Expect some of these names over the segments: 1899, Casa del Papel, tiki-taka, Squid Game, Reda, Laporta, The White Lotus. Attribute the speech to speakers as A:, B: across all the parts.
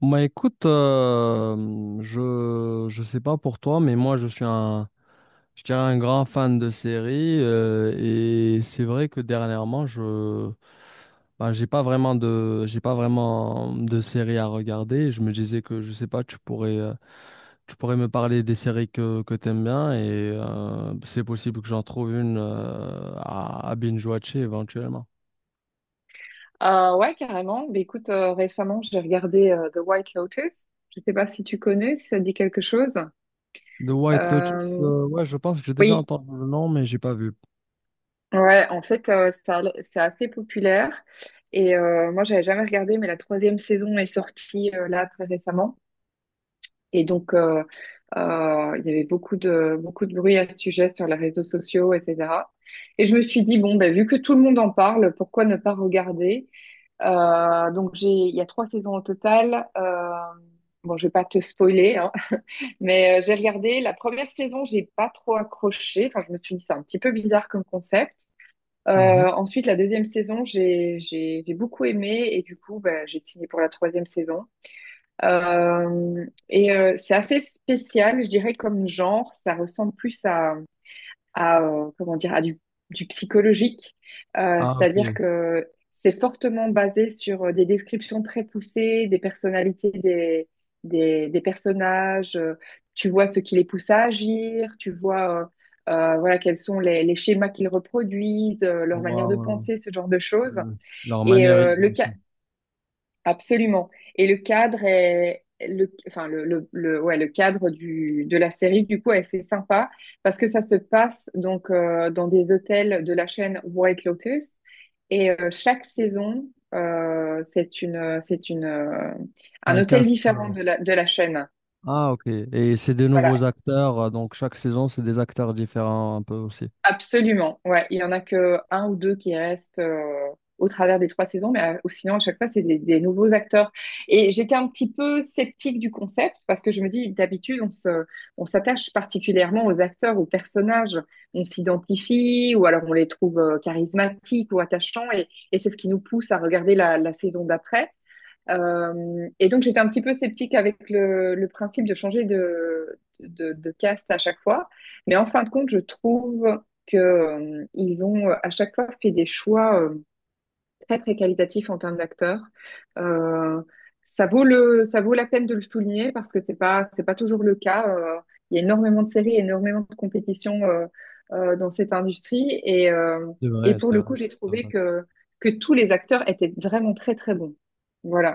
A: Bah écoute, je sais pas pour toi, mais moi je suis un, je dirais, un grand fan de séries et c'est vrai que dernièrement j'ai pas vraiment de, j'ai pas vraiment de séries à regarder. Je me disais que je sais pas, tu pourrais me parler des séries que t'aimes bien et c'est possible que j'en trouve une à binge-watcher éventuellement.
B: Ouais, carrément. Mais écoute, récemment, j'ai regardé The White Lotus. Je sais pas si tu connais, si ça te dit quelque chose.
A: The White Lotus,
B: Euh,
A: ouais, je pense que j'ai déjà
B: oui,
A: entendu le nom, mais j'ai pas vu.
B: ouais, en fait, ça, c'est assez populaire. Et moi, j'avais jamais regardé, mais la troisième saison est sortie là très récemment. Et donc, il y avait beaucoup de bruit à ce sujet sur les réseaux sociaux, etc. Et je me suis dit, bon, bah, vu que tout le monde en parle, pourquoi ne pas regarder? Donc il y a trois saisons au total. Bon, je vais pas te spoiler, hein, mais j'ai regardé la première saison, j'ai pas trop accroché. Enfin, je me suis dit c'est un petit peu bizarre comme concept.
A: Mhm.
B: Ensuite, la deuxième saison, j'ai beaucoup aimé et du coup, bah, j'ai signé pour la troisième saison. C'est assez spécial, je dirais comme genre, ça ressemble plus à, comment dire, à du psychologique.
A: Ah,
B: C'est-à-dire
A: ok.
B: que c'est fortement basé sur des descriptions très poussées des personnalités des personnages. Tu vois ce qui les pousse à agir, tu vois voilà, quels sont les schémas qu'ils reproduisent, leur manière de
A: Wow,
B: penser, ce genre de choses.
A: euh, leur
B: Et euh,
A: maniérisme
B: le, ca-
A: aussi.
B: Absolument. Et le cadre est le, enfin le- ouais, le cadre de la série du coup est assez sympa parce que ça se passe donc dans des hôtels de la chaîne White Lotus et chaque saison c'est une
A: C'est
B: un
A: un
B: hôtel
A: cast.
B: différent de la chaîne.
A: Ah, ok. Et c'est des
B: Voilà.
A: nouveaux acteurs. Donc, chaque saison, c'est des acteurs différents un peu aussi.
B: Absolument, ouais. Il y en a que un ou deux qui restent au travers des trois saisons, mais ou sinon, à chaque fois, c'est des nouveaux acteurs. Et j'étais un petit peu sceptique du concept parce que je me dis, d'habitude, on s'attache particulièrement aux acteurs, aux personnages. On s'identifie ou alors on les trouve charismatiques ou attachants et c'est ce qui nous pousse à regarder la saison d'après. Et donc, j'étais un petit peu sceptique avec le principe de changer de caste à chaque fois. Mais en fin de compte, je trouve que, ils ont à chaque fois fait des choix très, très qualitatifs en termes d'acteurs. Euh, Ça vaut ça vaut la peine de le souligner parce que c'est pas toujours le cas. Il y a énormément de séries, énormément de compétitions dans cette industrie.
A: C'est
B: Et
A: vrai,
B: pour
A: c'est
B: le
A: vrai.
B: coup,
A: Je
B: j'ai
A: suis
B: trouvé
A: d'accord.
B: que tous les acteurs étaient vraiment très, très bons.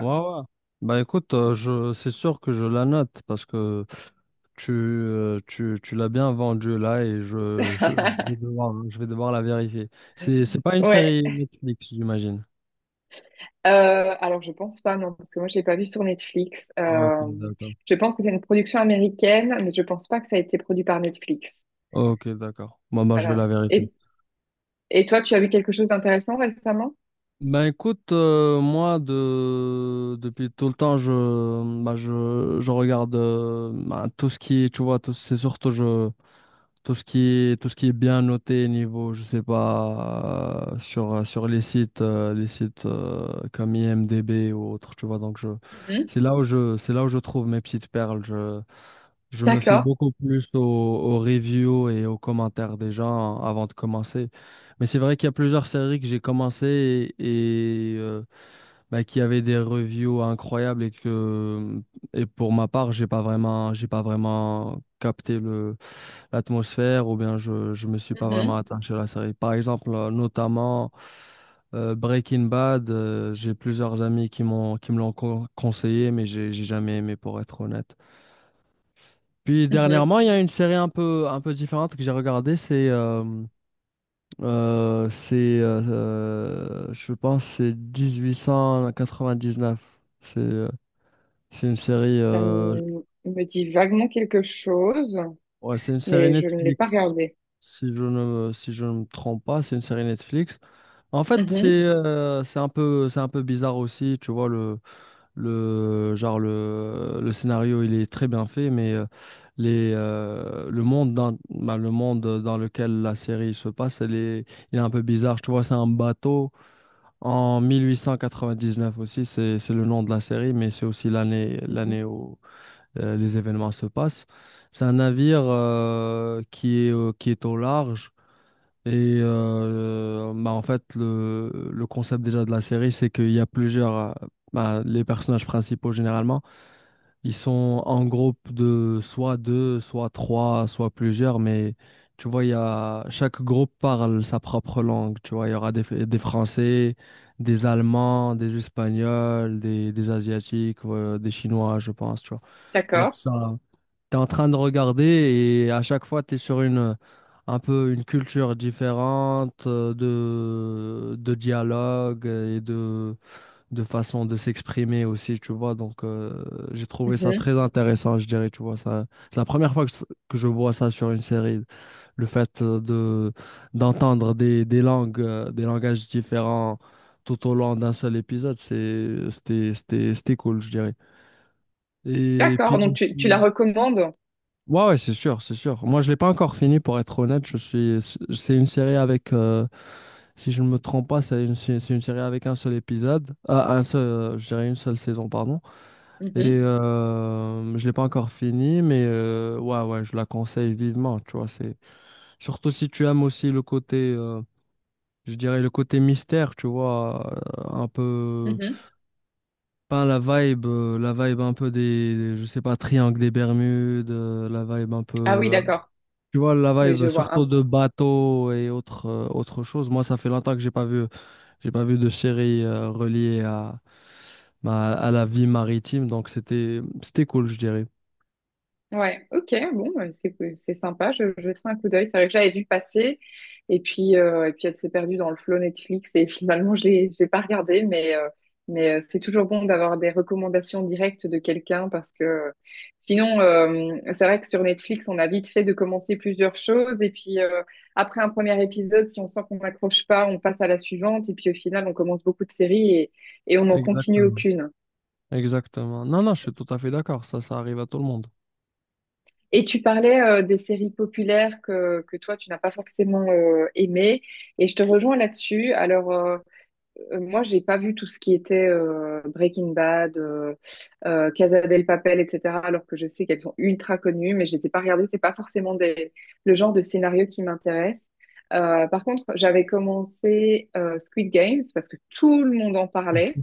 A: Ouais, ouais. Bah, écoute, c'est sûr que je la note parce que tu l'as bien vendue là et je vais devoir la vérifier. C'est pas une
B: Ouais.
A: série Netflix, j'imagine.
B: Alors je pense pas, non, parce que moi je l'ai pas vu sur Netflix.
A: Ok, d'accord.
B: Je pense que c'est une production américaine, mais je pense pas que ça a été produit par Netflix.
A: Ok, d'accord. Moi, je vais
B: Voilà.
A: la vérifier.
B: Et, et toi, tu as vu quelque chose d'intéressant récemment?
A: Ben écoute, moi de depuis tout le temps je regarde ben, tout ce qui est, tu vois, tout c'est surtout je tout ce qui est, tout ce qui est bien noté niveau je sais pas sur les sites comme IMDb ou autre, tu vois, donc je
B: Mhm.
A: c'est là où je c'est là où je trouve mes petites perles. Je me fie
B: D'accord.
A: beaucoup plus aux, aux reviews et aux commentaires des gens avant de commencer. Mais c'est vrai qu'il y a plusieurs séries que j'ai commencé et, bah, qui avaient des reviews incroyables et pour ma part, j'ai pas vraiment, j'ai pas vraiment capté le l'atmosphère ou bien je me suis pas vraiment
B: Mhm.
A: attaché à la série. Par exemple, notamment Breaking Bad, j'ai plusieurs amis qui m'ont, qui me l'ont con- conseillé, mais j'ai jamais aimé, pour être honnête. Puis
B: Mhm.
A: dernièrement, il y a une série un peu différente que j'ai regardée, c'est je pense, c'est 1899. C'est, euh, c'est une série,
B: Ça me dit vaguement quelque chose,
A: ouais, c'est une série
B: mais je ne l'ai pas
A: Netflix,
B: regardé.
A: si je ne me trompe pas, c'est une série Netflix. En fait,
B: Mhm.
A: c'est un peu bizarre aussi, tu vois, le scénario, il est très bien fait, mais le monde dans, bah, le monde dans lequel la série se passe, il est un peu bizarre. Tu vois, c'est un bateau en 1899. Aussi, c'est le nom de la série, mais c'est aussi l'année,
B: Mhm.
A: l'année où les événements se passent. C'est un navire qui est, qui est au large. Et bah, en fait, le concept déjà de la série, c'est qu'il y a plusieurs, bah, les personnages principaux généralement. Ils sont en groupe de soit deux, soit trois, soit plusieurs, mais tu vois, chaque groupe parle sa propre langue. Tu vois, il y aura des Français, des Allemands, des Espagnols, des Asiatiques, des Chinois, je pense, tu vois. Donc
B: D'accord.
A: ça, tu es en train de regarder et à chaque fois, tu es sur une, un peu une culture différente de dialogue et de façon de s'exprimer aussi, tu vois. Donc, j'ai trouvé ça
B: Mhm.
A: très intéressant, je dirais, tu vois. Ça, c'est la première fois que je vois ça sur une série, le fait de d'entendre des langues, des langages différents tout au long d'un seul épisode, c'était cool, je dirais. Et
B: D'accord.
A: puis,
B: Donc tu la recommandes?
A: ouais, ouais, c'est sûr, c'est sûr. Moi, je l'ai pas encore fini, pour être honnête. C'est une série avec, si je ne me trompe pas, c'est une série avec un seul épisode. Ah, un seul, je dirais une seule saison, pardon. Et
B: Mhm.
A: je l'ai pas encore fini, mais ouais, ouais, je la conseille vivement. Tu vois, c'est surtout si tu aimes aussi le côté, je dirais le côté mystère, tu vois, un peu,
B: Mhm.
A: pas la vibe, la vibe un peu je sais pas, triangle des Bermudes, la vibe un
B: Ah oui,
A: peu,
B: d'accord.
A: tu vois, la
B: Oui, je
A: vibe,
B: vois.
A: surtout
B: Ah
A: de bateaux et autres, autres choses. Moi, ça fait longtemps que j'ai pas vu de série reliée à, bah, à la vie maritime, donc c'était, c'était cool, je dirais.
B: ouais, ok, bon, ouais, c'est sympa, je jetterai un coup d'œil. C'est vrai que j'avais vu passer, et puis elle s'est perdue dans le flow Netflix, et finalement, je l'ai pas regardé, mais, c'est toujours bon d'avoir des recommandations directes de quelqu'un, parce que sinon, c'est vrai que sur Netflix, on a vite fait de commencer plusieurs choses, et puis après un premier épisode, si on sent qu'on n'accroche pas, on passe à la suivante, et puis au final, on commence beaucoup de séries et on n'en continue
A: Exactement.
B: aucune.
A: Exactement. Non, non, je suis tout à fait d'accord. Ça arrive à tout le monde.
B: Et tu parlais des séries populaires que toi, tu n'as pas forcément aimées. Et je te rejoins là-dessus. Alors, moi, j'ai pas vu tout ce qui était Breaking Bad, Casa del Papel, etc. Alors que je sais qu'elles sont ultra connues, mais je les ai pas regardées. C'est pas forcément des, le genre de scénario qui m'intéresse. Par contre, j'avais commencé Squid Games parce que tout le monde en parlait.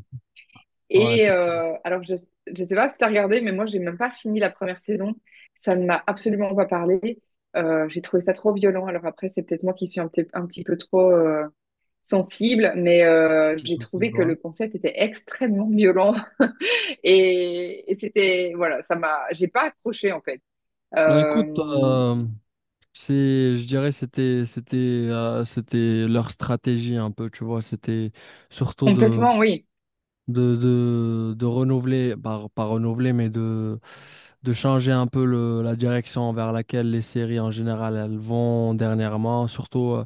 A: Ouais,
B: Et
A: c'est ça.
B: alors, je ne sais pas si tu as regardé, mais moi, j'ai même pas fini la première saison. Ça ne m'a absolument pas parlé. J'ai trouvé ça trop violent. Alors après, c'est peut-être moi qui suis un petit peu trop sensible, mais
A: C'est
B: j'ai trouvé
A: possible,
B: que
A: ouais.
B: le concept était extrêmement violent. Et c'était, voilà, ça m'a, j'ai pas accroché en fait.
A: Ben écoute,
B: Euh,
A: euh, je dirais c'était leur stratégie un peu, tu vois, c'était surtout
B: Complètement, oui.
A: de renouveler, par, pas renouveler, mais de changer un peu la direction vers laquelle les séries en général elles vont dernièrement, surtout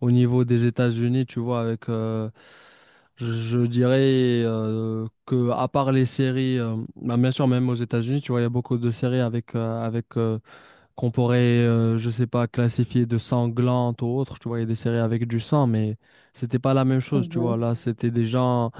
A: au niveau des États-Unis, tu vois, avec, je dirais que à part les séries, bah, bien sûr, même aux États-Unis, tu vois, il y a beaucoup de séries avec, qu'on pourrait, je sais pas, classifier de sanglantes ou autres, tu vois, il y a des séries avec du sang, mais c'était pas la même chose, tu vois,
B: Mhm.
A: là, c'était des gens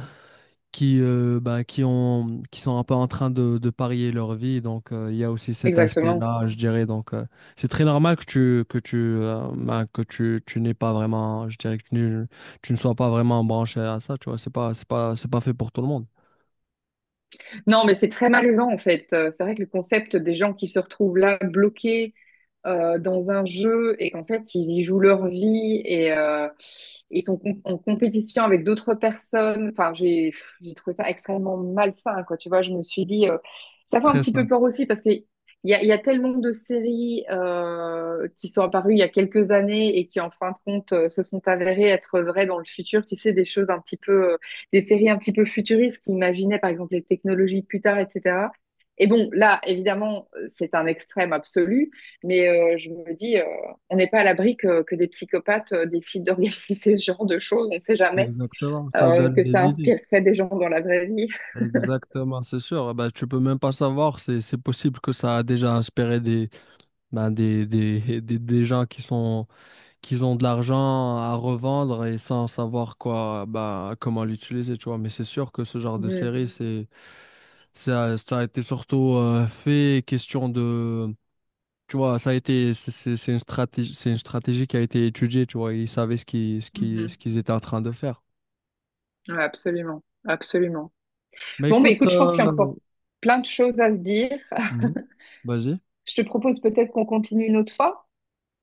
A: qui, bah, qui ont, qui sont un peu en train de parier leur vie. Donc, il y a aussi cet
B: Exactement.
A: aspect-là, je dirais. Donc, c'est très normal que tu n'aies pas vraiment, je dirais que tu ne sois pas vraiment branché à ça. Tu vois, c'est pas fait pour tout le monde.
B: Non, mais c'est très malaisant en fait. C'est vrai que le concept des gens qui se retrouvent là bloqués dans un jeu et qu'en fait ils y jouent leur vie et ils sont en compétition avec d'autres personnes. Enfin, j'ai pff, j'ai trouvé ça extrêmement malsain, quoi. Tu vois, je me suis dit, ça fait un
A: Très
B: petit
A: ça,
B: peu peur aussi parce que il y a tellement de séries qui sont apparues il y a quelques années et qui en fin de compte se sont avérées être vraies dans le futur. Tu sais, des choses un petit peu des séries un petit peu futuristes qui imaginaient par exemple les technologies plus tard, etc. Et bon, là, évidemment, c'est un extrême absolu, mais je me dis, on n'est pas à l'abri que des psychopathes décident d'organiser ce genre de choses, on ne sait jamais
A: exactement. Ça donne
B: que
A: des
B: ça
A: idées.
B: inspirerait des gens dans la vraie vie.
A: Exactement, c'est sûr. Bah, tu peux même pas savoir. C'est possible que ça a déjà inspiré des, ben, des gens qui sont, qui ont de l'argent à revendre et sans savoir quoi, bah, comment l'utiliser, tu vois. Mais c'est sûr que ce genre de
B: Mhm.
A: série, ça a été surtout fait question de, tu vois, ça a été, c'est une stratégie qui a été étudiée, tu vois. Ils savaient ce
B: Mhm.
A: qu'ils étaient en train de faire.
B: Ouais, absolument, absolument.
A: Mais
B: Bon, mais
A: écoute,
B: écoute, je pense
A: euh.
B: qu'il y a encore plein de choses à se dire.
A: Mhm. Vas-y.
B: Je te propose peut-être qu'on continue une autre fois.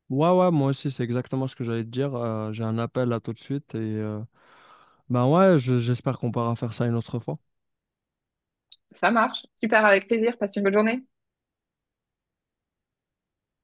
A: Ouais, ouais, moi aussi, c'est exactement ce que j'allais te dire. J'ai un appel là tout de suite et ben ouais, j'espère qu'on pourra faire ça une autre fois.
B: Ça marche, super, avec plaisir, passe une bonne journée.